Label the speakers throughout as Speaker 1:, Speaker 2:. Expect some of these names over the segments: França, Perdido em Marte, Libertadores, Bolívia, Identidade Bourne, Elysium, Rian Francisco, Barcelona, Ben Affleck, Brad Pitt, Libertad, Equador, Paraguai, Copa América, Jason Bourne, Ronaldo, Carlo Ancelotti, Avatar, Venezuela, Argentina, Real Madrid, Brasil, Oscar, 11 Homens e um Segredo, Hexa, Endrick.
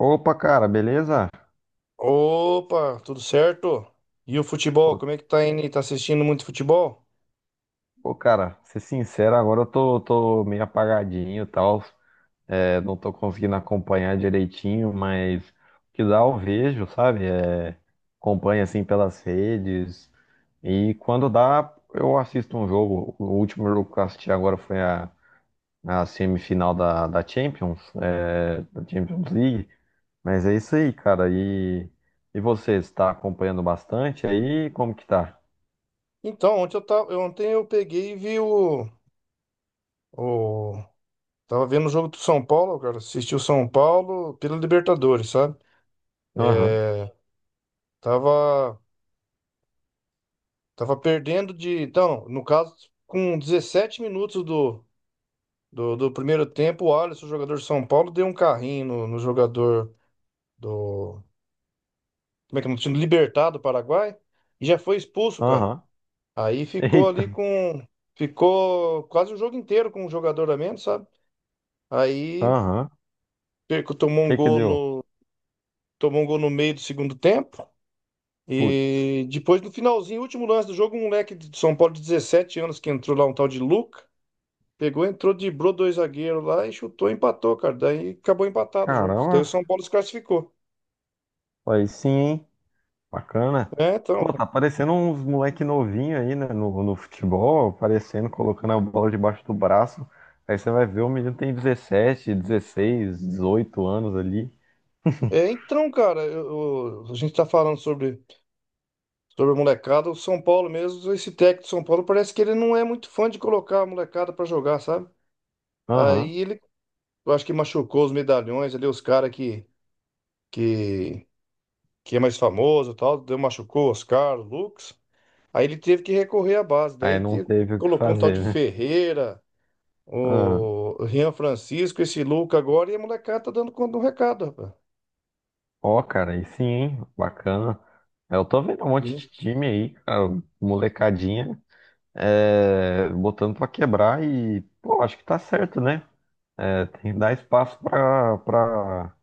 Speaker 1: Opa, cara, beleza?
Speaker 2: Opa, tudo certo? E o futebol,
Speaker 1: Pô,
Speaker 2: como é que tá indo? Tá assistindo muito futebol?
Speaker 1: pô, cara, ser sincero, agora eu tô meio apagadinho e tal. É, não tô conseguindo acompanhar direitinho, mas o que dá eu vejo, sabe? Acompanho assim pelas redes. E quando dá, eu assisto um jogo. O último jogo que eu assisti agora foi a semifinal da Champions, é, da Champions League. Mas é isso aí, cara. E você, está acompanhando bastante aí? Como que tá?
Speaker 2: Então, ontem eu peguei e vi o tava vendo o jogo do São Paulo, cara, assisti o São Paulo pela Libertadores, sabe?
Speaker 1: Aham,
Speaker 2: É, tava tava perdendo de, então, no caso, com 17 minutos do primeiro tempo, o Alisson, o jogador de São Paulo, deu um carrinho no jogador do, como é que é, o time do time? Libertad do Paraguai e já foi expulso, cara.
Speaker 1: aham.
Speaker 2: Aí ficou
Speaker 1: Eita,
Speaker 2: ali com. Ficou quase o jogo inteiro com um jogador a menos, sabe? Aí
Speaker 1: aham.
Speaker 2: perco, tomou
Speaker 1: O
Speaker 2: um
Speaker 1: que que
Speaker 2: gol
Speaker 1: deu?
Speaker 2: no, Tomou um gol no meio do segundo tempo.
Speaker 1: Putz,
Speaker 2: E depois, no finalzinho, último lance do jogo, um moleque de São Paulo de 17 anos que entrou lá, um tal de Luca, pegou, entrou, driblou dois zagueiros lá e chutou, empatou, cara. Daí acabou empatado o jogo. Daí o
Speaker 1: caramba,
Speaker 2: São Paulo se classificou.
Speaker 1: aí sim, hein? Bacana.
Speaker 2: É, então,
Speaker 1: Pô, tá aparecendo uns moleque novinho aí, né, no futebol, aparecendo, colocando a bola debaixo do braço. Aí você vai ver, o menino tem 17, 16, 18 anos ali.
Speaker 2: é, então, cara, a gente tá falando sobre a molecada. O São Paulo mesmo, esse técnico do São Paulo parece que ele não é muito fã de colocar a molecada pra jogar, sabe? Aí
Speaker 1: Aham.
Speaker 2: ele, eu acho que machucou os medalhões ali, os caras que, que é mais famoso e tal, deu, machucou Oscar, o Lucas. Aí ele teve que recorrer à base,
Speaker 1: Aí
Speaker 2: daí
Speaker 1: não
Speaker 2: te-
Speaker 1: teve o que
Speaker 2: colocou um tal de
Speaker 1: fazer, né?
Speaker 2: Ferreira,
Speaker 1: Ah,
Speaker 2: o Rian Francisco, esse Luca agora, e a molecada tá dando conta do recado, rapaz.
Speaker 1: ó, cara, aí sim, hein? Bacana. É, eu tô vendo um monte
Speaker 2: Sim.
Speaker 1: de time aí, cara, molecadinha, é, botando pra quebrar e, pô, acho que tá certo, né? É, tem que dar espaço para para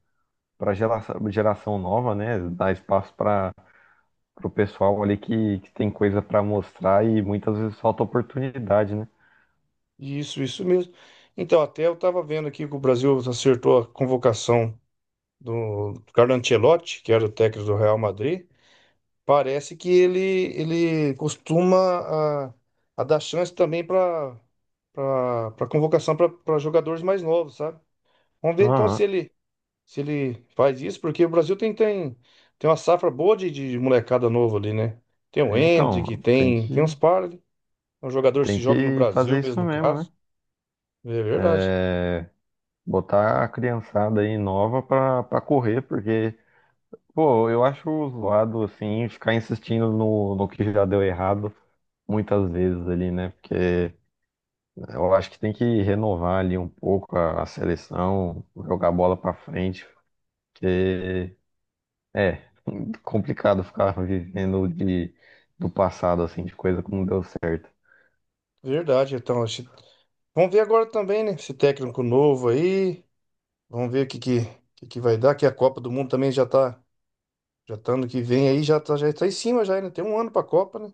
Speaker 1: para geração, geração nova, né? Dar espaço para o pessoal ali que tem coisa para mostrar e muitas vezes falta oportunidade, né?
Speaker 2: Isso mesmo. Então, até eu tava vendo aqui que o Brasil acertou a convocação do Carlo Ancelotti, que era o técnico do Real Madrid. Parece que ele, costuma a dar chance também para convocação para jogadores mais novos, sabe? Vamos ver então se
Speaker 1: Aham.
Speaker 2: ele se ele faz isso, porque o Brasil tem uma safra boa de molecada novo ali, né? Tem o Endrick,
Speaker 1: Então, tem
Speaker 2: tem uns
Speaker 1: que
Speaker 2: par, ali. São jogadores que
Speaker 1: tem
Speaker 2: jogam no
Speaker 1: que
Speaker 2: Brasil
Speaker 1: fazer isso
Speaker 2: mesmo no
Speaker 1: mesmo, né?
Speaker 2: caso. É verdade,
Speaker 1: É, botar a criançada aí nova para correr, porque pô, eu acho zoado assim ficar insistindo no que já deu errado muitas vezes ali, né? Porque eu acho que tem que renovar ali um pouco a seleção, jogar bola pra frente, porque é complicado ficar vivendo do passado, assim, de coisa que não deu certo.
Speaker 2: verdade. Então, vamos ver agora também, né? Esse técnico novo aí. Vamos ver o que vai dar, que a Copa do Mundo também já tá ano que vem aí, já tá em cima já, né? Tem um ano pra Copa, né?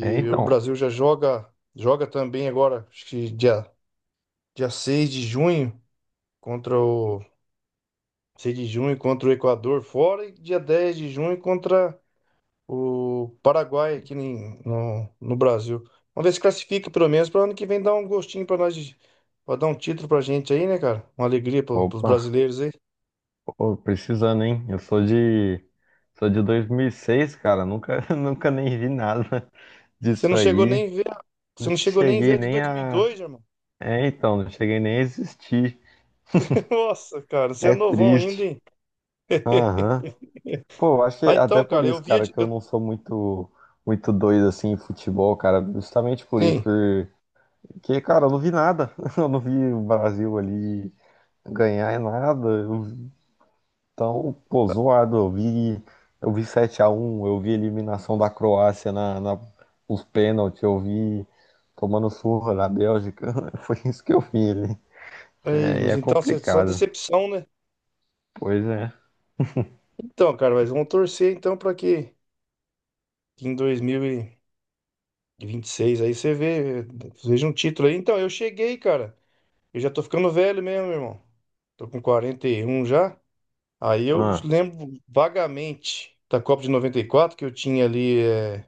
Speaker 1: É,
Speaker 2: o
Speaker 1: então,
Speaker 2: Brasil já joga também agora, acho que dia contra o 6 de junho contra o Equador fora e dia 10 de junho contra o Paraguai no Brasil. Vamos ver se classifica pelo menos para ano que vem dar um gostinho pra nós, pra dar um título pra gente aí, né, cara? Uma alegria pros
Speaker 1: opa,
Speaker 2: brasileiros aí.
Speaker 1: ô, precisando, hein? Sou de 2006, cara, nunca, nunca nem vi nada
Speaker 2: Você
Speaker 1: disso
Speaker 2: não chegou
Speaker 1: aí.
Speaker 2: nem ver, a- você
Speaker 1: Não
Speaker 2: não chegou nem ver
Speaker 1: cheguei
Speaker 2: a de
Speaker 1: nem
Speaker 2: dois mil e
Speaker 1: a...
Speaker 2: dois, irmão.
Speaker 1: É, então, não cheguei nem a existir.
Speaker 2: Nossa, cara, você é
Speaker 1: É
Speaker 2: novão ainda,
Speaker 1: triste.
Speaker 2: hein?
Speaker 1: Aham. Pô, eu acho que
Speaker 2: Ah,
Speaker 1: até
Speaker 2: então,
Speaker 1: por
Speaker 2: cara, eu
Speaker 1: isso,
Speaker 2: via
Speaker 1: cara,
Speaker 2: de,
Speaker 1: que eu
Speaker 2: eu
Speaker 1: não sou muito doido assim em futebol, cara. Justamente por isso,
Speaker 2: sim.
Speaker 1: porque, cara, eu não vi nada. Eu não vi o Brasil ali ganhar em nada. Eu- então, pô, zoado. Eu vi sete a um, eu vi a eliminação da Croácia na, na, os pênaltis, eu vi tomando surra na Bélgica. Foi isso que eu vi ali.
Speaker 2: Aí,
Speaker 1: É, e
Speaker 2: mas
Speaker 1: é
Speaker 2: então você só
Speaker 1: complicado.
Speaker 2: decepção, né?
Speaker 1: Pois é.
Speaker 2: Então, cara, mas vamos torcer então para que em 2026 aí veja um título aí. Então, eu cheguei, cara. Eu já tô ficando velho mesmo, irmão. Tô com 41 já. Aí eu
Speaker 1: Ah,
Speaker 2: lembro vagamente da Copa de noventa e quatro, que eu tinha ali,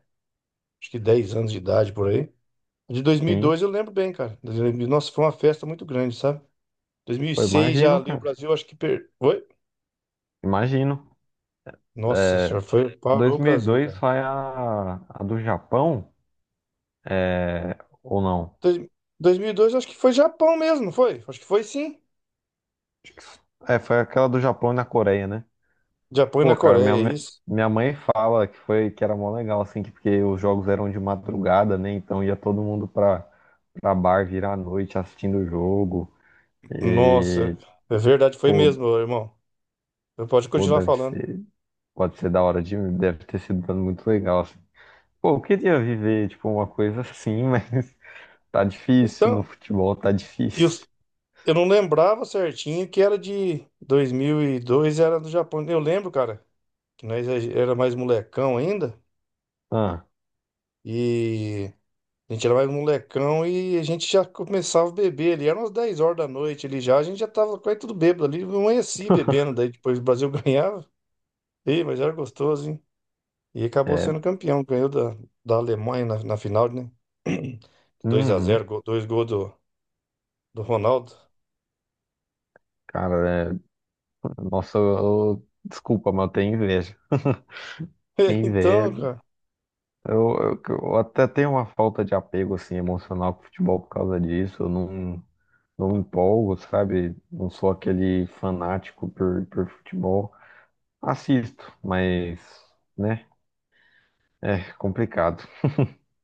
Speaker 2: acho que 10 anos de idade por aí. De
Speaker 1: sim.
Speaker 2: 2002 eu lembro bem, cara. Nossa, foi uma festa muito grande, sabe?
Speaker 1: Eu
Speaker 2: 2006 já
Speaker 1: imagino,
Speaker 2: ali o
Speaker 1: cara.
Speaker 2: Brasil, Oi?
Speaker 1: Imagino.
Speaker 2: Nossa senhora, parou o Brasil,
Speaker 1: 2002
Speaker 2: cara.
Speaker 1: foi a do Japão, é, ou não?
Speaker 2: Dois- 2002 acho que foi Japão mesmo, não foi? Acho que foi sim.
Speaker 1: É, foi aquela do Japão e na Coreia, né?
Speaker 2: Japão e na
Speaker 1: Pô, cara,
Speaker 2: Coreia, é isso.
Speaker 1: minha mãe fala que foi que era mó legal, assim, que porque os jogos eram de madrugada, né? Então ia todo mundo pra, pra bar virar à noite assistindo o jogo.
Speaker 2: Nossa,
Speaker 1: E,
Speaker 2: é verdade, foi
Speaker 1: pô,
Speaker 2: mesmo, ô, irmão. Eu pode
Speaker 1: pô,
Speaker 2: continuar
Speaker 1: deve
Speaker 2: falando.
Speaker 1: ser, pode ser da hora de, deve ter sido muito legal, assim. Pô, eu queria viver, tipo, uma coisa assim, mas tá difícil no
Speaker 2: Então,
Speaker 1: futebol, tá
Speaker 2: e os-
Speaker 1: difícil.
Speaker 2: eu não lembrava certinho que era de 2002, era do Japão. Eu lembro, cara, que nós era mais molecão ainda.
Speaker 1: Ah,
Speaker 2: E a gente era mais molecão e a gente já começava a beber ali. Eram umas 10 horas da noite ali já. A gente já tava quase tudo bêbado ali. Eu amanheci bebendo. Daí depois o Brasil ganhava. Ei, mas era gostoso, hein? E acabou
Speaker 1: é.
Speaker 2: sendo campeão. Ganhou da Alemanha na final, né? dois a
Speaker 1: Uhum.
Speaker 2: zero dois gols do Ronaldo.
Speaker 1: Cara, é- nossa, desculpa, mas eu tenho inveja. Tenho
Speaker 2: Então,
Speaker 1: inveja.
Speaker 2: cara.
Speaker 1: Eu até tenho uma falta de apego assim, emocional com o futebol por causa disso. Eu não, não me empolgo, sabe? Não sou aquele fanático por futebol. Assisto, mas, né? É complicado.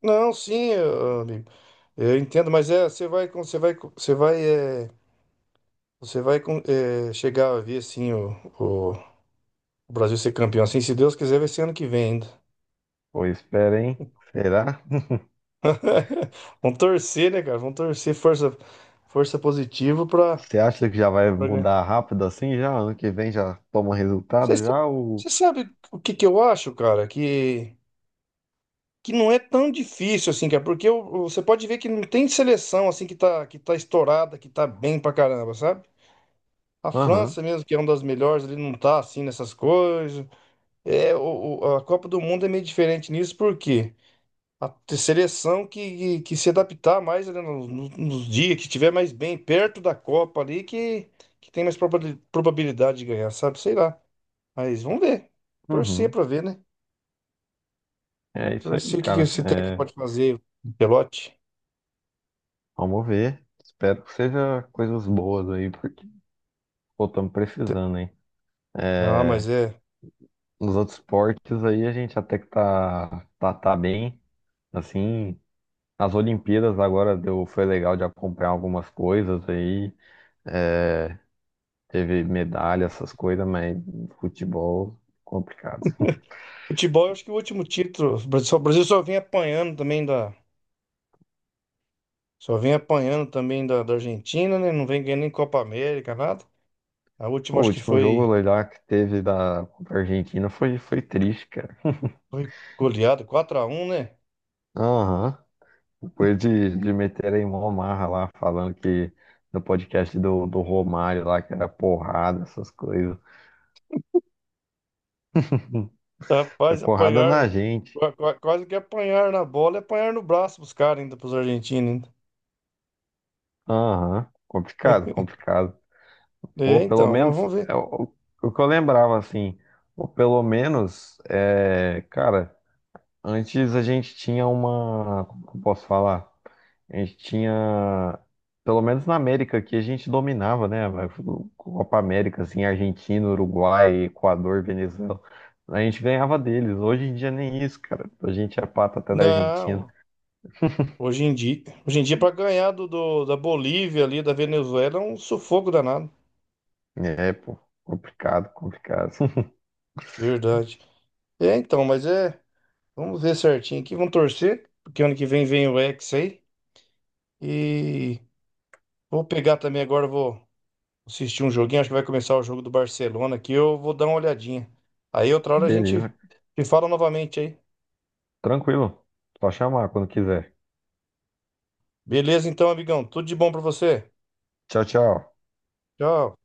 Speaker 2: Não, sim, amigo. Eu entendo, mas é, você vai chegar a ver assim o o Brasil ser campeão. Assim, se Deus quiser, vai ser ano que vem ainda.
Speaker 1: Pô, espera, hein? Será?
Speaker 2: Vamos torcer, né, cara? Vamos torcer força, positiva pra,
Speaker 1: Você acha que já vai
Speaker 2: pra
Speaker 1: mudar
Speaker 2: ganhar.
Speaker 1: rápido assim? Já ano que vem já toma
Speaker 2: Você
Speaker 1: resultado?
Speaker 2: sa-
Speaker 1: Já o.
Speaker 2: você sabe o que que eu acho, cara? Que não é tão difícil assim, cara. Porque você pode ver que não tem seleção assim que tá estourada, que tá bem pra caramba, sabe? A
Speaker 1: Aham,
Speaker 2: França mesmo, que é uma das melhores, ele não tá assim nessas coisas. É, a Copa do Mundo é meio diferente nisso, por quê? A seleção que se adaptar mais, né, nos dias, que estiver mais bem perto da Copa ali, que tem mais probabilidade de ganhar, sabe? Sei lá. Mas vamos ver. Torcer
Speaker 1: uhum.
Speaker 2: pra ver, né?
Speaker 1: É isso aí,
Speaker 2: Torcer o que
Speaker 1: cara.
Speaker 2: esse técnico
Speaker 1: É,
Speaker 2: pode fazer, o Pelote.
Speaker 1: vamos ver. Espero que seja coisas boas aí, porque pô, estamos precisando, hein?
Speaker 2: Não, mas é.
Speaker 1: Nos outros esportes aí a gente até que tá bem. Assim, as Olimpíadas agora deu, foi legal de acompanhar algumas coisas aí. É, teve medalha, essas coisas, mas futebol complicado.
Speaker 2: Futebol, eu acho que o último título. O Brasil só vem apanhando também da. Só vem apanhando também da Argentina, né? Não vem ganhando nem Copa América, nada. A última
Speaker 1: Pô, o
Speaker 2: acho que
Speaker 1: último jogo
Speaker 2: foi,
Speaker 1: lá que teve da contra a Argentina foi triste, cara.
Speaker 2: foi goleada, 4 a 1, né?
Speaker 1: Aham. Depois de meter em mó marra lá, falando que no podcast do Romário lá, que era porrada, essas coisas. Foi
Speaker 2: Rapaz,
Speaker 1: porrada na
Speaker 2: apanhar,
Speaker 1: gente.
Speaker 2: quase que apanhar na bola e apanhar no braço pros caras ainda, pros argentinos ainda.
Speaker 1: Aham, complicado, complicado. Pô,
Speaker 2: É,
Speaker 1: pelo
Speaker 2: então, vamos,
Speaker 1: menos,
Speaker 2: vamos
Speaker 1: é
Speaker 2: ver.
Speaker 1: o que eu lembrava, assim, ou pelo menos, é, cara, antes a gente tinha uma, como que eu posso falar? A gente tinha, pelo menos na América aqui, a gente dominava, né? A Copa América, assim, Argentina, Uruguai, Equador, Venezuela. A gente ganhava deles. Hoje em dia nem isso, cara. A gente é pata até da Argentina.
Speaker 2: Não, hoje em dia para ganhar da Bolívia ali, da Venezuela, é um sufoco danado.
Speaker 1: É, pô, complicado, complicado.
Speaker 2: Verdade. É, então, mas é, vamos ver certinho aqui, vamos torcer, porque ano que vem vem o Hexa aí. E vou pegar também agora, vou assistir um joguinho, acho que vai começar o jogo do Barcelona aqui, eu vou dar uma olhadinha. Aí outra hora a gente
Speaker 1: Beleza.
Speaker 2: se fala novamente aí.
Speaker 1: Tranquilo. Só chamar quando quiser.
Speaker 2: Beleza, então, amigão. Tudo de bom pra você.
Speaker 1: Tchau, tchau.
Speaker 2: Tchau.